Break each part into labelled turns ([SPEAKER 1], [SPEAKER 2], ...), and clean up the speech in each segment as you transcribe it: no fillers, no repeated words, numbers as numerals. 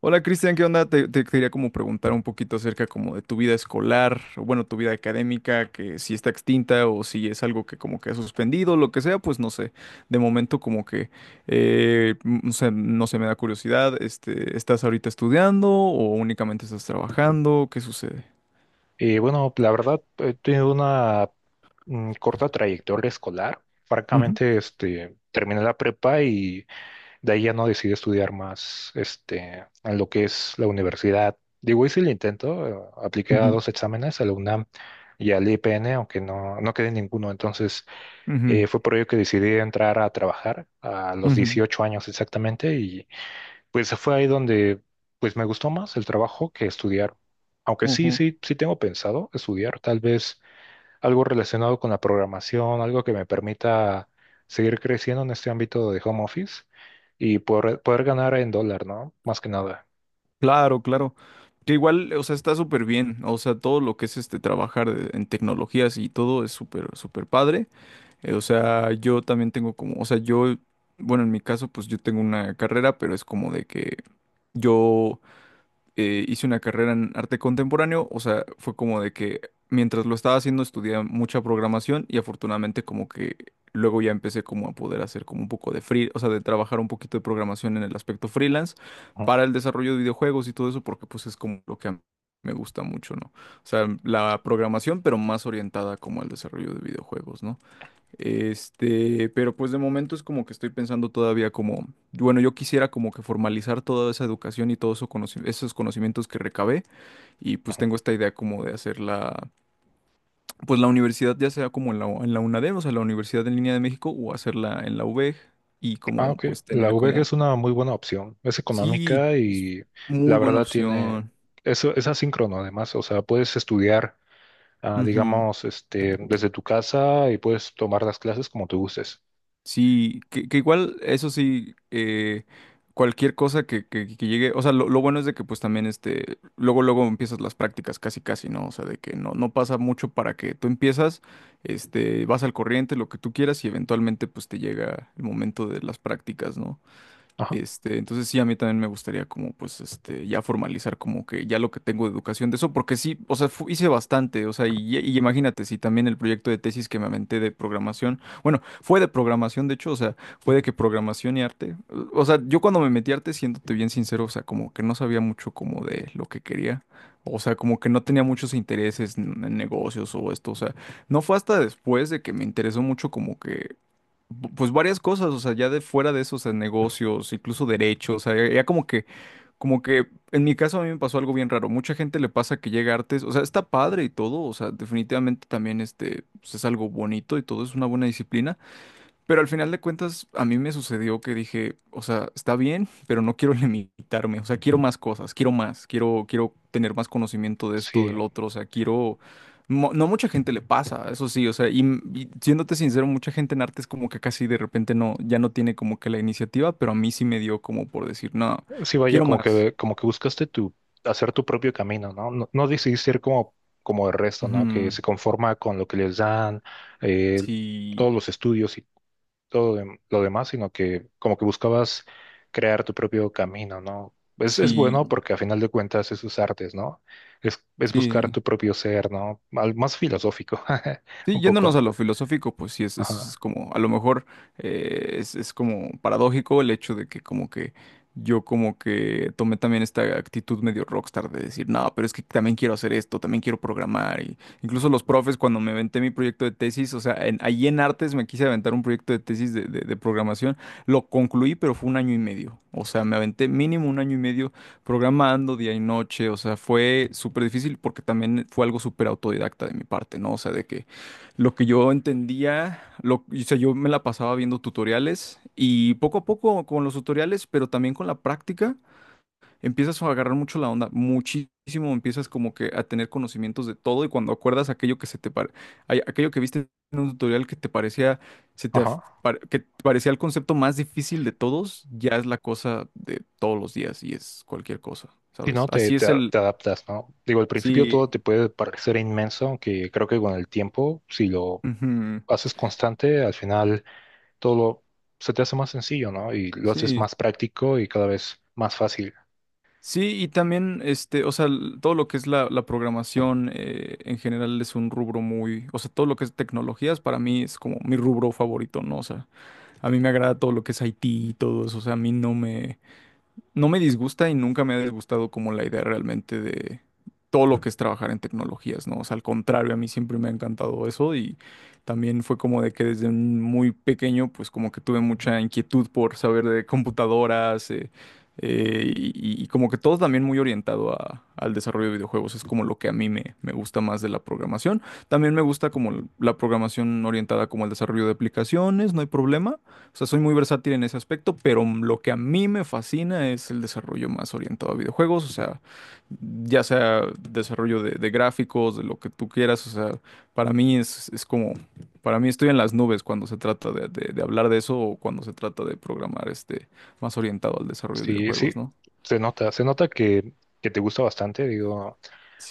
[SPEAKER 1] Hola Cristian, ¿qué onda? Te quería como preguntar un poquito acerca como de tu vida escolar, o bueno, tu vida académica, que si está extinta o si es algo que como que ha suspendido, lo que sea, pues no sé. De momento como que, no sé, no sé, me da curiosidad, este, ¿estás ahorita estudiando o únicamente estás trabajando? ¿Qué sucede?
[SPEAKER 2] Bueno, la verdad, he tenido una corta trayectoria escolar.
[SPEAKER 1] Ujú,
[SPEAKER 2] Francamente, terminé la prepa y de ahí ya no decidí estudiar más, en lo que es la universidad. Digo, hice el intento, apliqué a
[SPEAKER 1] ujú,
[SPEAKER 2] dos exámenes, a la UNAM y al IPN, aunque no quedé en ninguno. Entonces, fue por ello que decidí entrar a trabajar a los
[SPEAKER 1] ujú,
[SPEAKER 2] 18 años exactamente, pues fue ahí donde pues me gustó más el trabajo que estudiar. Aunque
[SPEAKER 1] ujú,
[SPEAKER 2] sí,
[SPEAKER 1] ujú.
[SPEAKER 2] sí, sí tengo pensado estudiar tal vez algo relacionado con la programación, algo que me permita seguir creciendo en este ámbito de home office y poder ganar en dólar, ¿no? Más que nada.
[SPEAKER 1] Claro, claro. Que igual, o sea, está súper bien. O sea, todo lo que es este trabajar de- en tecnologías y todo es súper, súper padre. O sea, yo también tengo como, o sea, yo, bueno, en mi caso, pues yo tengo una carrera, pero es como de que yo hice una carrera en arte contemporáneo, o sea, fue como de que mientras lo estaba haciendo estudié mucha programación y afortunadamente como que luego ya empecé como a poder hacer como un poco de free, o sea, de trabajar un poquito de programación en el aspecto freelance
[SPEAKER 2] Ujú,
[SPEAKER 1] para el desarrollo de videojuegos y todo eso, porque pues es como lo que a mí me gusta mucho, ¿no? O sea, la programación, pero más orientada como al desarrollo de videojuegos, ¿no? Este, pero pues de momento es como que estoy pensando todavía como, bueno, yo quisiera como que formalizar toda esa educación y todos eso esos conocimientos que recabé y pues
[SPEAKER 2] ujú.
[SPEAKER 1] tengo esta idea como de hacer la, pues la universidad ya sea como en la UNADEM, o sea, la Universidad en Línea de México o hacerla en la UVEG y
[SPEAKER 2] Ah,
[SPEAKER 1] como
[SPEAKER 2] ok.
[SPEAKER 1] pues
[SPEAKER 2] La
[SPEAKER 1] tener
[SPEAKER 2] VG
[SPEAKER 1] como,
[SPEAKER 2] es una muy buena opción. Es
[SPEAKER 1] sí,
[SPEAKER 2] económica
[SPEAKER 1] es
[SPEAKER 2] y la
[SPEAKER 1] muy buena
[SPEAKER 2] verdad tiene...
[SPEAKER 1] opción.
[SPEAKER 2] Eso es asíncrono además. O sea, puedes estudiar, digamos, desde tu casa y puedes tomar las clases como tú gustes.
[SPEAKER 1] Sí, que igual, eso sí, cualquier cosa que, que llegue, o sea, lo bueno es de que pues también este, luego, luego empiezas las prácticas casi, casi, ¿no? O sea, de que no, no pasa mucho para que tú empiezas, este, vas al corriente, lo que tú quieras y eventualmente pues te llega el momento de las prácticas, ¿no? Este, entonces sí, a mí también me gustaría como pues este ya formalizar como que ya lo que tengo de educación de eso, porque sí, o sea, hice bastante, o sea, y imagínate si también el proyecto de tesis que me aventé de programación, bueno, fue de programación de hecho, o sea, fue de que programación y arte, o sea, yo cuando me metí a arte, siéndote bien sincero, o sea, como que no sabía mucho como de lo que quería, o sea, como que no tenía muchos intereses en negocios o esto, o sea, no fue hasta después de que me interesó mucho como que pues varias cosas, o sea, ya de fuera de esos negocios, incluso derechos, o sea, ya como que, en mi caso a mí me pasó algo bien raro. Mucha gente le pasa que llega a artes, o sea, está padre y todo, o sea, definitivamente también este, pues, es algo bonito y todo, es una buena disciplina, pero al final de cuentas, a mí me sucedió que dije, o sea, está bien, pero no quiero limitarme, o sea, quiero más cosas, quiero más, quiero, quiero tener más conocimiento de esto,
[SPEAKER 2] Sí,
[SPEAKER 1] del otro, o sea, quiero... No mucha gente le pasa, eso sí, o sea, y, y siéndote sincero, mucha gente en arte es como que casi de repente no, ya no tiene como que la iniciativa, pero a mí sí me dio como por decir, no,
[SPEAKER 2] sí, vaya,
[SPEAKER 1] quiero más.
[SPEAKER 2] como que buscaste hacer tu propio camino, ¿no? No, no decidiste ir como, como el resto, ¿no? Que
[SPEAKER 1] Ujú,
[SPEAKER 2] se conforma con lo que les dan, eh,
[SPEAKER 1] sí,
[SPEAKER 2] todos los estudios y todo lo demás, sino que como que buscabas crear tu propio camino, ¿no? Es bueno
[SPEAKER 1] sí,
[SPEAKER 2] porque a final de cuentas es sus artes, ¿no? Es buscar
[SPEAKER 1] sí.
[SPEAKER 2] tu propio ser, ¿no? Más filosófico,
[SPEAKER 1] Sí,
[SPEAKER 2] un
[SPEAKER 1] yéndonos
[SPEAKER 2] poco.
[SPEAKER 1] a lo filosófico, pues sí, es
[SPEAKER 2] Ajá,
[SPEAKER 1] como, a lo mejor es como paradójico el hecho de que como que yo como que tomé también esta actitud medio rockstar de decir, no, pero es que también quiero hacer esto, también quiero programar. Y incluso los profes cuando me aventé mi proyecto de tesis, o sea, en, ahí en artes me quise aventar un proyecto de tesis de, de programación, lo concluí, pero fue un año y medio. O sea, me aventé mínimo un año y medio programando día y noche, o sea, fue súper difícil porque también fue algo súper autodidacta de mi parte, ¿no? O sea, de que lo que yo entendía, lo, o sea, yo me la pasaba viendo tutoriales y poco a poco con los tutoriales, pero también con la práctica, empiezas a agarrar mucho la onda, muchísimo, empiezas como que a tener conocimientos de todo y cuando acuerdas aquello que se te aquello que viste en un tutorial que te parecía, se te af-
[SPEAKER 2] ajá.
[SPEAKER 1] pare- que te parecía el concepto más difícil de todos, ya es la cosa de todos los días y es cualquier cosa,
[SPEAKER 2] Si
[SPEAKER 1] ¿sabes?
[SPEAKER 2] no,
[SPEAKER 1] Así es el,
[SPEAKER 2] te adaptas, ¿no? Digo, al principio
[SPEAKER 1] sí,
[SPEAKER 2] todo te puede parecer inmenso, aunque creo que con el tiempo, si lo
[SPEAKER 1] ujú,
[SPEAKER 2] haces constante, al final todo lo- se te hace más sencillo, ¿no? Y lo haces
[SPEAKER 1] sí.
[SPEAKER 2] más práctico y cada vez más fácil.
[SPEAKER 1] Sí, y también, este, o sea, todo lo que es la, la programación en general es un rubro muy, o sea, todo lo que es tecnologías para mí es como mi rubro favorito, ¿no? O sea, a mí me agrada todo lo que es IT y todo eso, o sea, a mí no me, no me disgusta y nunca me ha disgustado como la idea realmente de todo lo que es trabajar en tecnologías, ¿no? O sea, al contrario, a mí siempre me ha encantado eso y también fue como de que desde un muy pequeño, pues como que tuve mucha inquietud por saber de computadoras y como que todo también muy orientado al desarrollo de videojuegos, es como lo que a mí me, me gusta más de la programación. También me gusta como la programación orientada como al desarrollo de aplicaciones, no hay problema. O sea, soy muy versátil en ese aspecto, pero lo que a mí me fascina es el desarrollo más orientado a videojuegos, o sea, ya sea desarrollo de gráficos, de lo que tú quieras, o sea, para mí es como, para mí estoy en las nubes cuando se trata de, de hablar de eso o cuando se trata de programar este más orientado al desarrollo de
[SPEAKER 2] Sí, sí,
[SPEAKER 1] videojuegos, ¿no?
[SPEAKER 2] se nota que te gusta bastante, digo,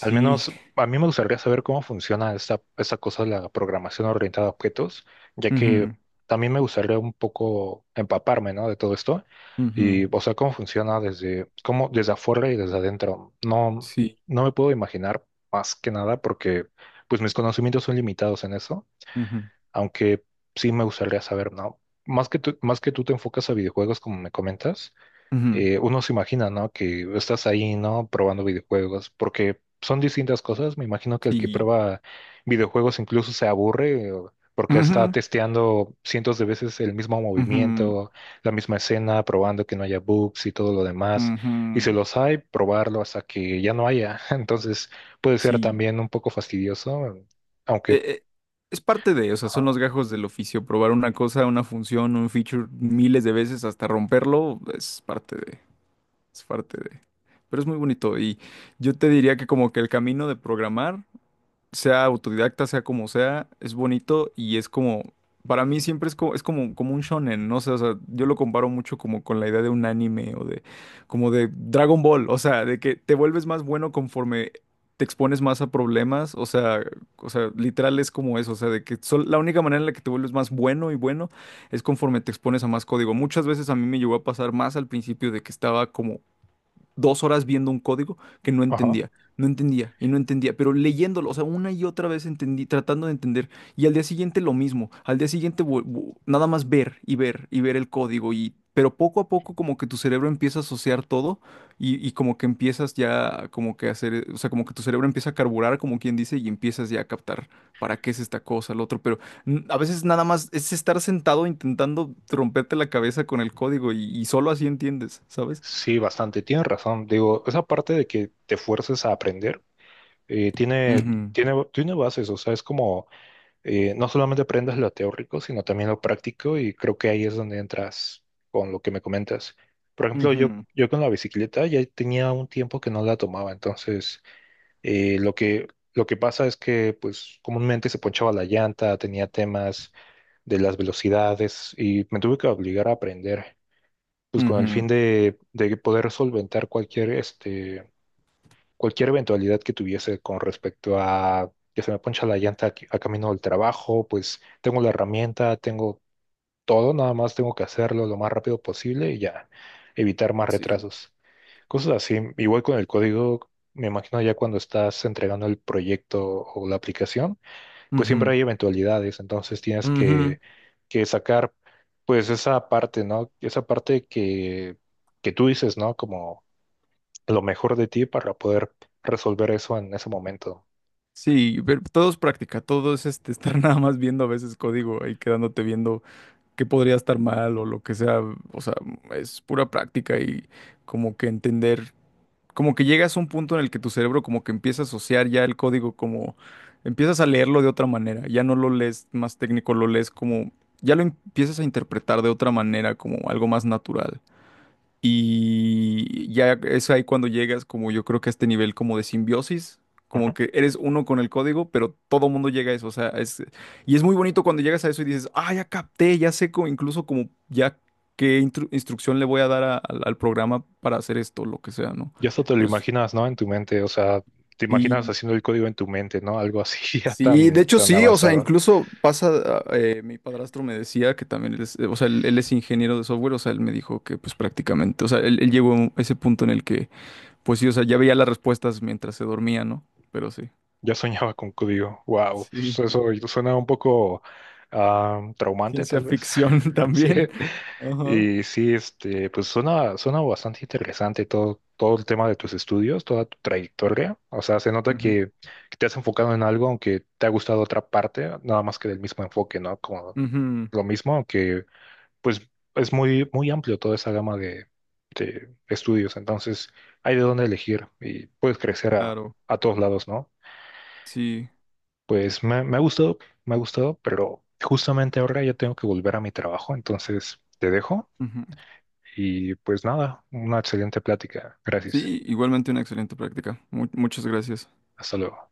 [SPEAKER 2] al menos a mí me gustaría saber cómo funciona esta cosa de la programación orientada a objetos, ya que
[SPEAKER 1] Ujú,
[SPEAKER 2] también me gustaría un poco empaparme, ¿no? De todo esto,
[SPEAKER 1] ujú,
[SPEAKER 2] y, o sea, cómo funciona desde afuera y desde adentro. No,
[SPEAKER 1] sí,
[SPEAKER 2] no me puedo imaginar más que nada porque, pues, mis conocimientos son limitados en eso,
[SPEAKER 1] ujú,
[SPEAKER 2] aunque sí me gustaría saber, ¿no? Más que tú te enfocas a videojuegos, como me comentas.
[SPEAKER 1] ujú,
[SPEAKER 2] Uno se imagina, ¿no? Que estás ahí, ¿no? Probando videojuegos, porque son distintas cosas. Me imagino que el que
[SPEAKER 1] sí,
[SPEAKER 2] prueba videojuegos incluso se aburre porque está
[SPEAKER 1] ujú,
[SPEAKER 2] testeando cientos de veces el mismo
[SPEAKER 1] ujú,
[SPEAKER 2] movimiento, la misma escena, probando que no haya bugs y todo lo demás. Y si
[SPEAKER 1] ujú,
[SPEAKER 2] los hay, probarlo hasta que ya no haya. Entonces puede ser
[SPEAKER 1] sí.
[SPEAKER 2] también un poco fastidioso, aunque...
[SPEAKER 1] eh, eh, es parte de, o sea, son los gajos del oficio. Probar una cosa, una función, un feature miles de veces hasta romperlo, es parte de, es parte de. Pero es muy bonito y yo te diría que como que el camino de programar sea autodidacta, sea como sea, es bonito y es como, para mí siempre es como, como un shonen, ¿no? sé, o sea, yo lo comparo mucho como con la idea de un anime o de, como de Dragon Ball, o sea, de que te vuelves más bueno conforme te expones más a problemas, o sea, literal es como eso, o sea, de que la única manera en la que te vuelves más bueno y bueno es conforme te expones a más código. Muchas veces a mí me llegó a pasar más al principio de que estaba como dos horas viendo un código que no
[SPEAKER 2] Ajá.
[SPEAKER 1] entendía, no entendía y no entendía, pero leyéndolo, o sea, una y otra vez entendí, tratando de entender, y al día siguiente lo mismo, al día siguiente nada más ver y ver y ver el código y pero poco a poco como que tu cerebro empieza a asociar todo y como que empiezas ya como que a hacer, o sea, como que tu cerebro empieza a carburar, como quien dice, y empiezas ya a captar para qué es esta cosa, lo otro, pero a veces nada más es estar sentado intentando romperte la cabeza con el código y solo así entiendes, ¿sabes?
[SPEAKER 2] Sí, bastante, tienes razón. Digo, esa parte de que te fuerces a aprender. Tiene, tiene, tiene bases, o sea, es como, no solamente aprendes lo teórico, sino también lo práctico y creo que ahí es donde entras con lo que me comentas. Por ejemplo,
[SPEAKER 1] Ujú,
[SPEAKER 2] yo con la bicicleta ya tenía un tiempo que no la tomaba, entonces eh, lo que, lo que pasa es que pues comúnmente se ponchaba la llanta, tenía temas de las velocidades y me tuve que obligar a aprender. Pues con el fin
[SPEAKER 1] ujú,
[SPEAKER 2] de poder solventar cualquier cualquier eventualidad que tuviese con respecto a que se me poncha la llanta a camino del trabajo, pues tengo la herramienta, tengo todo, nada más tengo que hacerlo lo más rápido posible y ya evitar más
[SPEAKER 1] sí.
[SPEAKER 2] retrasos. Cosas así, igual con el código, me imagino ya cuando estás entregando el proyecto o la aplicación, pues siempre
[SPEAKER 1] Ujú,
[SPEAKER 2] hay eventualidades, entonces tienes
[SPEAKER 1] ujú,
[SPEAKER 2] que sacar pues esa parte, ¿no? Esa parte que tú dices, ¿no? Lo mejor de ti para poder resolver eso en ese momento.
[SPEAKER 1] sí, pero todo es práctica, todo es este, estar nada más viendo a veces código y quedándote viendo qué podría estar mal o lo que sea. O sea, es pura práctica y como que entender, como que llegas a un punto en el que tu cerebro como que empieza a asociar ya el código como empiezas a leerlo de otra manera, ya no lo lees más técnico, lo lees como, ya lo empiezas a interpretar de otra manera, como algo más natural. Y ya es ahí cuando llegas como yo creo que a este nivel como de simbiosis,
[SPEAKER 2] Ujú.
[SPEAKER 1] como que eres uno con el código, pero todo mundo llega a eso, o sea, es, y es muy bonito cuando llegas a eso y dices, ah, ya capté, ya sé incluso como ya qué instrucción le voy a dar al, al programa para hacer esto, lo que sea, ¿no?
[SPEAKER 2] Y eso te lo
[SPEAKER 1] Pues,
[SPEAKER 2] imaginas, ¿no? En tu mente, o sea, te imaginas
[SPEAKER 1] sí,
[SPEAKER 2] haciendo el código en tu mente, ¿no? Algo así ya
[SPEAKER 1] sí, de
[SPEAKER 2] tan,
[SPEAKER 1] hecho
[SPEAKER 2] tan
[SPEAKER 1] sí, o sea,
[SPEAKER 2] avanzado.
[SPEAKER 1] incluso pasa, mi padrastro me decía que también, él es, o sea, él es ingeniero de software, o sea, él me dijo que pues prácticamente, o sea, él llegó a ese punto en el que pues sí, o sea, ya veía las respuestas mientras se dormía, ¿no? Pero sí.
[SPEAKER 2] Ya soñaba con código. Wow,
[SPEAKER 1] Sí,
[SPEAKER 2] eso suena un poco traumante,
[SPEAKER 1] ciencia
[SPEAKER 2] tal vez.
[SPEAKER 1] ficción
[SPEAKER 2] Sí.
[SPEAKER 1] también. Ajá.
[SPEAKER 2] Y sí, pues suena, suena bastante interesante todo, todo el tema de tus estudios, toda tu trayectoria. O sea, se nota
[SPEAKER 1] Ujú,
[SPEAKER 2] que te has enfocado en algo, aunque te ha gustado otra parte, nada más que del mismo enfoque, ¿no? Como
[SPEAKER 1] ujú,
[SPEAKER 2] lo mismo, aunque pues es muy, muy amplio toda esa gama de estudios. Entonces, hay de dónde elegir y puedes crecer
[SPEAKER 1] claro,
[SPEAKER 2] a todos lados, ¿no?
[SPEAKER 1] sí,
[SPEAKER 2] Pues me ha gustado, pero justamente ahora ya tengo que volver a mi trabajo, entonces te dejo
[SPEAKER 1] ujú.
[SPEAKER 2] y pues nada, una excelente plática. Gracias.
[SPEAKER 1] Sí, igualmente una excelente práctica. Muchas gracias.
[SPEAKER 2] Hasta luego.